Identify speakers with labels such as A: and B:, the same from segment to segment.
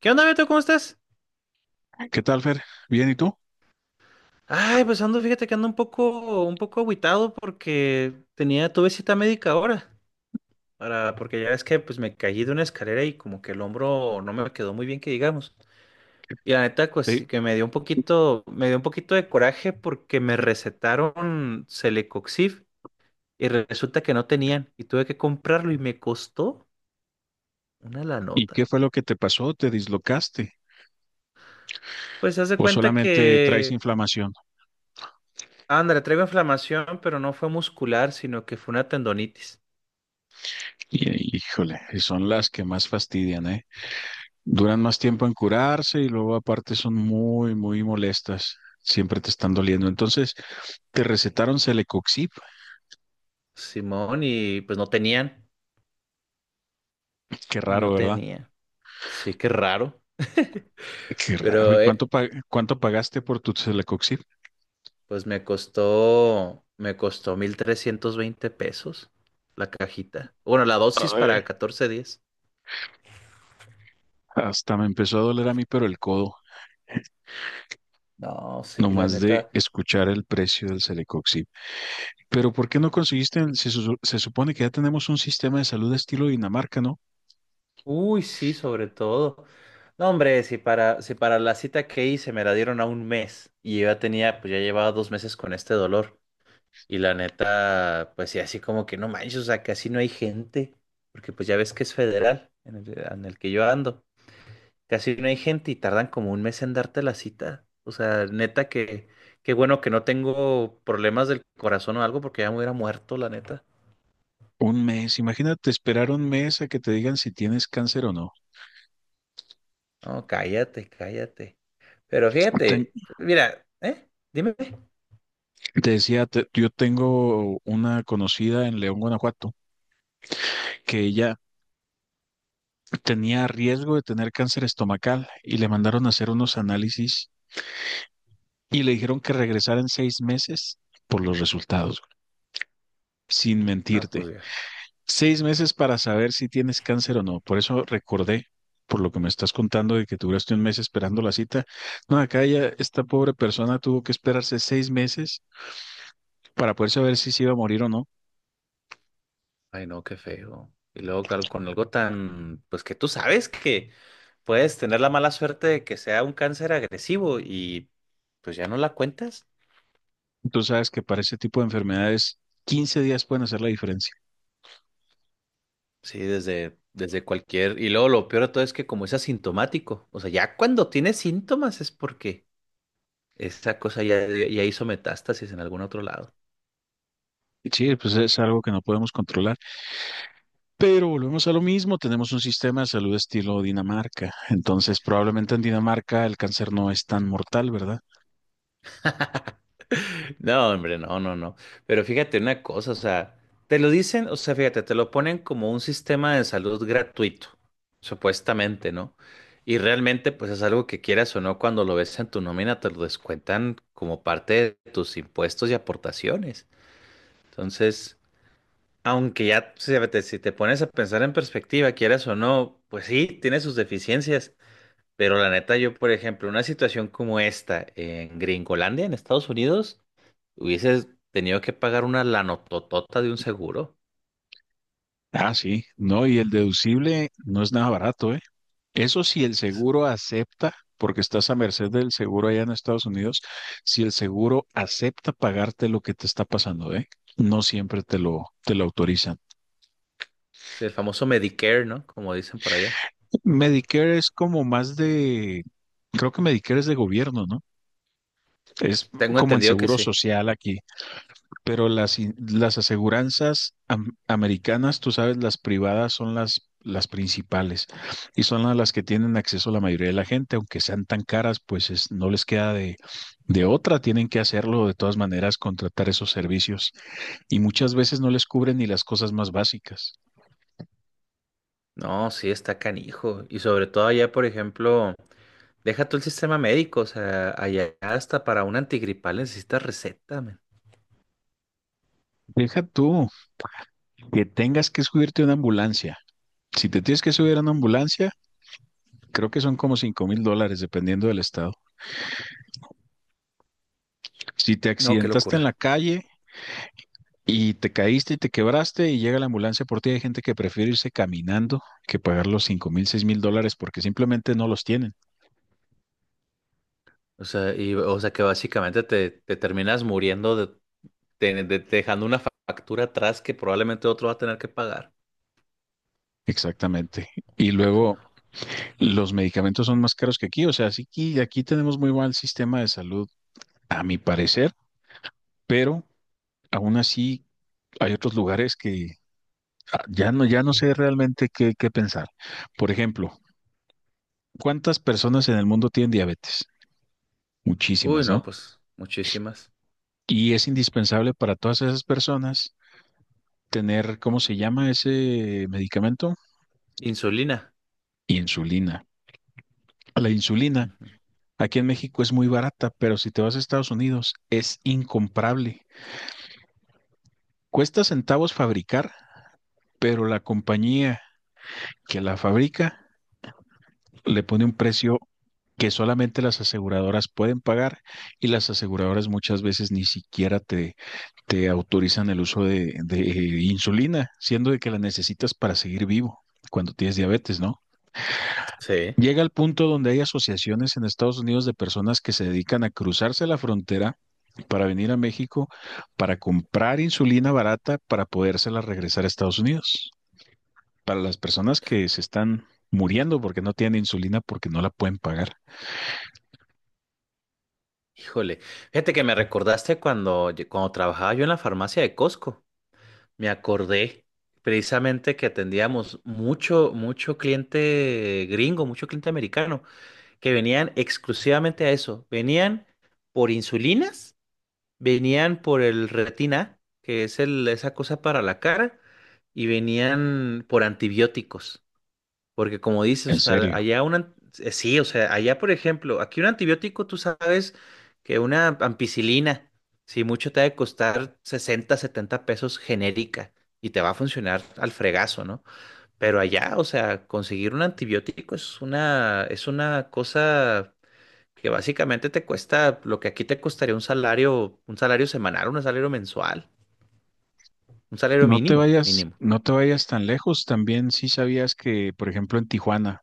A: ¿Qué onda, Beto? ¿Cómo estás?
B: ¿Qué tal, Fer? ¿Bien y tú?
A: Ay, pues ando, fíjate que ando un poco agüitado porque tuve cita médica ahora, porque ya ves que pues me caí de una escalera y como que el hombro no me quedó muy bien que digamos. Y la neta, pues
B: Sí.
A: sí que me dio un poquito de coraje porque me recetaron Celecoxib y resulta que no tenían y tuve que comprarlo y me costó una la
B: ¿Y qué
A: nota.
B: fue lo que te pasó? ¿Te dislocaste?
A: Pues se hace
B: ¿O
A: cuenta
B: solamente traes
A: que,
B: inflamación?
A: ándale, traigo inflamación, pero no fue muscular, sino que fue una tendonitis.
B: Y, híjole, y son las que más fastidian, ¿eh? Duran más tiempo en curarse y luego aparte son muy, muy molestas. Siempre te están doliendo. Entonces, te recetaron Celecoxib.
A: Simón y pues no tenían,
B: Qué raro,
A: no
B: ¿verdad?
A: tenían. Sí, qué raro.
B: Qué raro. ¿Y
A: Pero
B: cuánto, cuánto pagaste por tu Celecoxib?
A: pues me costó 1,320 pesos la cajita. Bueno, la dosis
B: Ay,
A: para 14 días.
B: hasta me empezó a doler a mí, pero el codo.
A: No, sí, la
B: Nomás de
A: neta.
B: escuchar el precio del Celecoxib. Pero ¿por qué no conseguiste? Se supone que ya tenemos un sistema de salud estilo Dinamarca, ¿no?
A: Uy, sí, sobre todo. No, hombre, si para la cita que hice me la dieron a un mes y yo pues ya llevaba 2 meses con este dolor. Y la neta, pues sí, así como que no manches, o sea, casi no hay gente, porque pues ya ves que es federal en el que yo ando, casi no hay gente y tardan como un mes en darte la cita. O sea, neta que, qué bueno que no tengo problemas del corazón o algo, porque ya me hubiera muerto, la neta.
B: Un mes, imagínate esperar un mes a que te digan si tienes cáncer o no.
A: No, cállate, cállate. Pero
B: Ten-
A: fíjate, mira, ¿eh? Dime.
B: Te decía, yo tengo una conocida en León, Guanajuato, que ella tenía riesgo de tener cáncer estomacal y le mandaron a hacer unos análisis y le dijeron que regresara en 6 meses por los resultados, sin
A: No,
B: mentirte.
A: pues ya.
B: 6 meses para saber si tienes cáncer o no. Por eso recordé, por lo que me estás contando de que duraste un mes esperando la cita. No, acá ya esta pobre persona tuvo que esperarse 6 meses para poder saber si se iba a morir o no.
A: Ay, no, qué feo. Y luego con algo tan, pues que tú sabes que puedes tener la mala suerte de que sea un cáncer agresivo y pues ya no la cuentas.
B: Y tú sabes que para ese tipo de enfermedades, 15 días pueden hacer la diferencia.
A: Sí, desde cualquier. Y luego lo peor de todo es que como es asintomático, o sea, ya cuando tiene síntomas es porque esa cosa ya hizo metástasis en algún otro lado.
B: Y sí, pues es algo que no podemos controlar. Pero volvemos a lo mismo, tenemos un sistema de salud estilo Dinamarca. Entonces, probablemente en Dinamarca el cáncer no es tan mortal, ¿verdad?
A: No, hombre, no, no, no. Pero fíjate una cosa, o sea, te lo dicen, o sea, fíjate, te lo ponen como un sistema de salud gratuito, supuestamente, ¿no? Y realmente, pues es algo que quieras o no, cuando lo ves en tu nómina, te lo descuentan como parte de tus impuestos y aportaciones. Entonces, aunque ya, fíjate, si te pones a pensar en perspectiva, quieras o no, pues sí, tiene sus deficiencias. Pero la neta, yo, por ejemplo, una situación como esta en Gringolandia, en Estados Unidos, hubieses tenido que pagar una lanototota de un seguro.
B: Ah, sí, no, y el deducible no es nada barato, ¿eh? Eso si el seguro acepta, porque estás a merced del seguro allá en Estados Unidos, si el seguro acepta pagarte lo que te está pasando, ¿eh? No siempre te lo autorizan.
A: Sí, el famoso Medicare, ¿no? Como dicen por allá.
B: Medicare es como más creo que Medicare es de gobierno, ¿no? Es
A: Tengo
B: como el
A: entendido que
B: seguro
A: sí.
B: social aquí. Pero las aseguranzas americanas, tú sabes, las privadas son las principales y son a las que tienen acceso la mayoría de la gente, aunque sean tan caras, no les queda de otra, tienen que hacerlo de todas maneras, contratar esos servicios y muchas veces no les cubren ni las cosas más básicas.
A: No, sí, está canijo. Y sobre todo allá, por ejemplo, deja tú el sistema médico. O sea, allá hasta para un antigripal necesitas receta, man.
B: Deja tú que tengas que subirte a una ambulancia. Si te tienes que subir a una ambulancia, creo que son como $5,000 dependiendo del estado. Si te
A: No, qué
B: accidentaste en la
A: locura.
B: calle, y te caíste y te quebraste y llega la ambulancia por ti. Hay gente que prefiere irse caminando que pagar los $5,000, $6,000 porque simplemente no los tienen.
A: O sea, y, o sea que básicamente te terminas muriendo dejando una factura atrás que probablemente otro va a tener que pagar.
B: Exactamente. Y luego los medicamentos son más caros que aquí. O sea, sí que aquí tenemos muy mal sistema de salud, a mi parecer, pero aún así hay otros lugares que ah, ya no sé realmente qué pensar. Por ejemplo, ¿cuántas personas en el mundo tienen diabetes?
A: Uy,
B: Muchísimas,
A: no,
B: ¿no?
A: pues muchísimas.
B: Y es indispensable para todas esas personas tener, ¿cómo se llama ese medicamento?
A: Insulina.
B: Insulina. La insulina
A: Ujú.
B: aquí en México es muy barata, pero si te vas a Estados Unidos es incomparable. Cuesta centavos fabricar, pero la compañía que la fabrica le pone un precio que solamente las aseguradoras pueden pagar y las aseguradoras muchas veces ni siquiera te autorizan el uso de insulina, siendo de que la necesitas para seguir vivo cuando tienes diabetes, ¿no?
A: Sí.
B: Llega al punto donde hay asociaciones en Estados Unidos de personas que se dedican a cruzarse la frontera para venir a México, para comprar insulina barata, para podérsela regresar a Estados Unidos. Para las personas que se están muriendo porque no tienen insulina, porque no la pueden pagar.
A: Híjole, fíjate que me recordaste cuando trabajaba yo en la farmacia de Costco. Me acordé precisamente que atendíamos mucho, mucho cliente gringo, mucho cliente americano, que venían exclusivamente a eso. Venían por insulinas, venían por el, Retina, que es esa cosa para la cara, y venían por antibióticos. Porque como
B: En
A: dices, o sea,
B: serio.
A: allá sí, o sea, allá por ejemplo, aquí un antibiótico, tú sabes que una ampicilina, si mucho te ha de costar 60, 70 pesos genérica y te va a funcionar al fregazo, ¿no? Pero allá, o sea, conseguir un antibiótico es una cosa que básicamente te cuesta lo que aquí te costaría un salario semanal, un salario mensual, un salario mínimo, mínimo.
B: No te vayas tan lejos. También sí sabías que, por ejemplo, en Tijuana,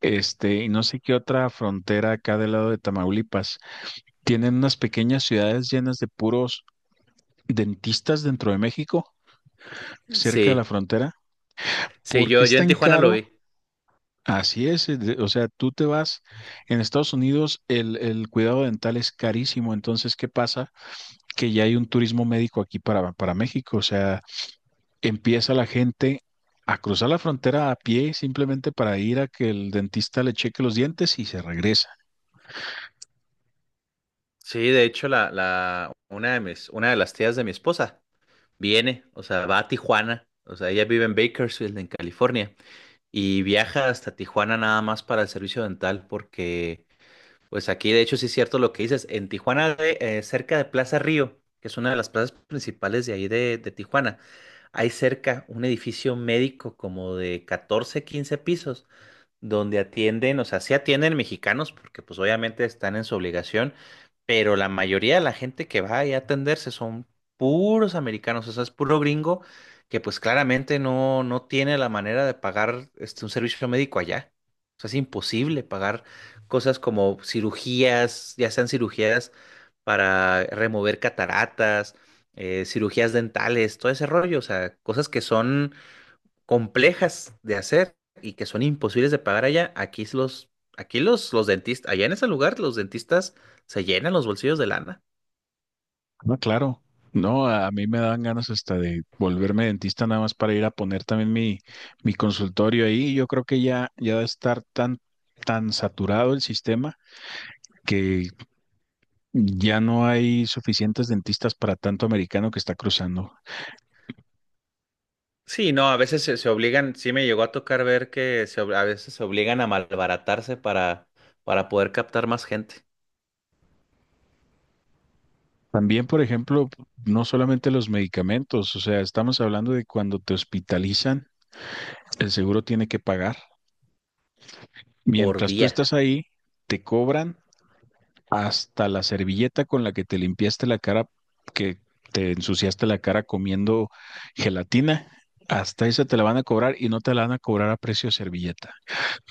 B: este, y no sé qué otra frontera acá del lado de Tamaulipas, tienen unas pequeñas ciudades llenas de puros dentistas dentro de México, cerca de la
A: Sí,
B: frontera.
A: sí,
B: ¿Por qué
A: yo,
B: es
A: yo en
B: tan
A: Tijuana lo
B: caro?
A: vi.
B: Así es, o sea, tú te vas, en Estados Unidos el cuidado dental es carísimo, entonces, ¿qué pasa? Que ya hay un turismo médico aquí para México, o sea, empieza la gente a cruzar la frontera a pie simplemente para ir a que el dentista le cheque los dientes y se regresa.
A: Sí, de hecho, la, una de mis, una de las tías de mi esposa o sea, va a Tijuana, o sea, ella vive en Bakersfield, en California, y viaja hasta Tijuana nada más para el servicio dental, porque, pues aquí, de hecho, sí es cierto lo que dices, en Tijuana, cerca de Plaza Río, que es una de las plazas principales de ahí de Tijuana, hay cerca un edificio médico como de 14, 15 pisos donde atienden, o sea, sí atienden mexicanos porque pues obviamente están en su obligación, pero la mayoría de la gente que va ahí a atenderse son puros americanos, o sea, es puro gringo que pues claramente no tiene la manera de pagar este, un servicio médico allá. O sea, es imposible pagar cosas como cirugías, ya sean cirugías para remover cataratas, cirugías dentales, todo ese rollo, o sea, cosas que son complejas de hacer y que son imposibles de pagar allá, los dentistas, allá en ese lugar los dentistas se llenan los bolsillos de lana.
B: No, claro. No, a mí me dan ganas hasta de volverme dentista nada más para ir a poner también mi consultorio ahí. Yo creo que ya de estar tan, tan saturado el sistema que ya no hay suficientes dentistas para tanto americano que está cruzando.
A: Sí, no, a veces se obligan, sí me llegó a tocar ver que a veces se obligan a malbaratarse para poder captar más gente
B: También, por ejemplo, no solamente los medicamentos, o sea, estamos hablando de cuando te hospitalizan, el seguro tiene que pagar.
A: por
B: Mientras tú
A: día.
B: estás ahí, te cobran hasta la servilleta con la que te limpiaste la cara, que te ensuciaste la cara comiendo gelatina, hasta esa te la van a cobrar y no te la van a cobrar a precio de servilleta.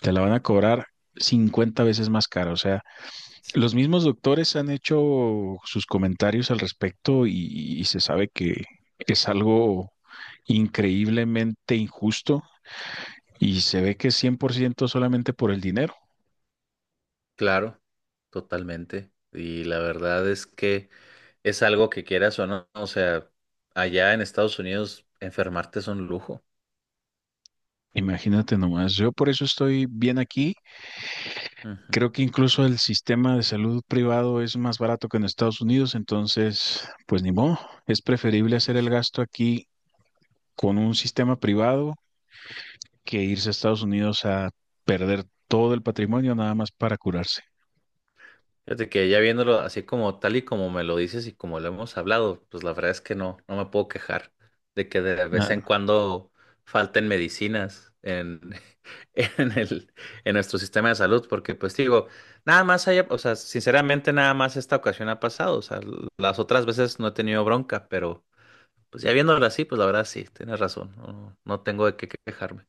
B: Te la van a cobrar 50 veces más cara. O sea,
A: Sí.
B: los mismos doctores han hecho sus comentarios al respecto y se sabe que es algo increíblemente injusto y se ve que es 100% solamente por el dinero.
A: Claro, totalmente. Y la verdad es que es algo que quieras o no, o sea, allá en Estados Unidos enfermarte es un lujo.
B: Imagínate nomás, yo por eso estoy bien aquí.
A: Ujú.
B: Creo que incluso el sistema de salud privado es más barato que en Estados Unidos, entonces, pues ni modo, es preferible hacer el gasto aquí con un sistema privado que irse a Estados Unidos a perder todo el patrimonio nada más para curarse.
A: Fíjate que ya viéndolo así como tal y como me lo dices y como lo hemos hablado, pues la verdad es que no me puedo quejar de que de vez
B: Nada,
A: en cuando falten medicinas en, en el, en nuestro sistema de salud, porque pues digo, nada más haya, o sea, sinceramente nada más esta ocasión ha pasado, o sea, las otras veces no he tenido bronca, pero pues ya viéndolo así, pues la verdad sí, tienes razón, no tengo de qué quejarme.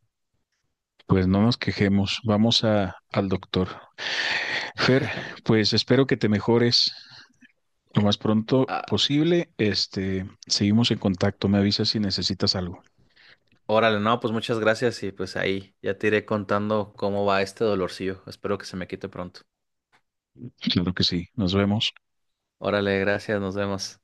B: pues no nos quejemos, vamos a, al doctor. Fer, pues espero que te mejores lo más pronto posible. Este, seguimos en contacto, me avisas si necesitas algo.
A: Órale, no, pues muchas gracias y pues ahí ya te iré contando cómo va este dolorcillo. Espero que se me quite pronto.
B: Claro que sí, nos vemos.
A: Órale, gracias, nos vemos.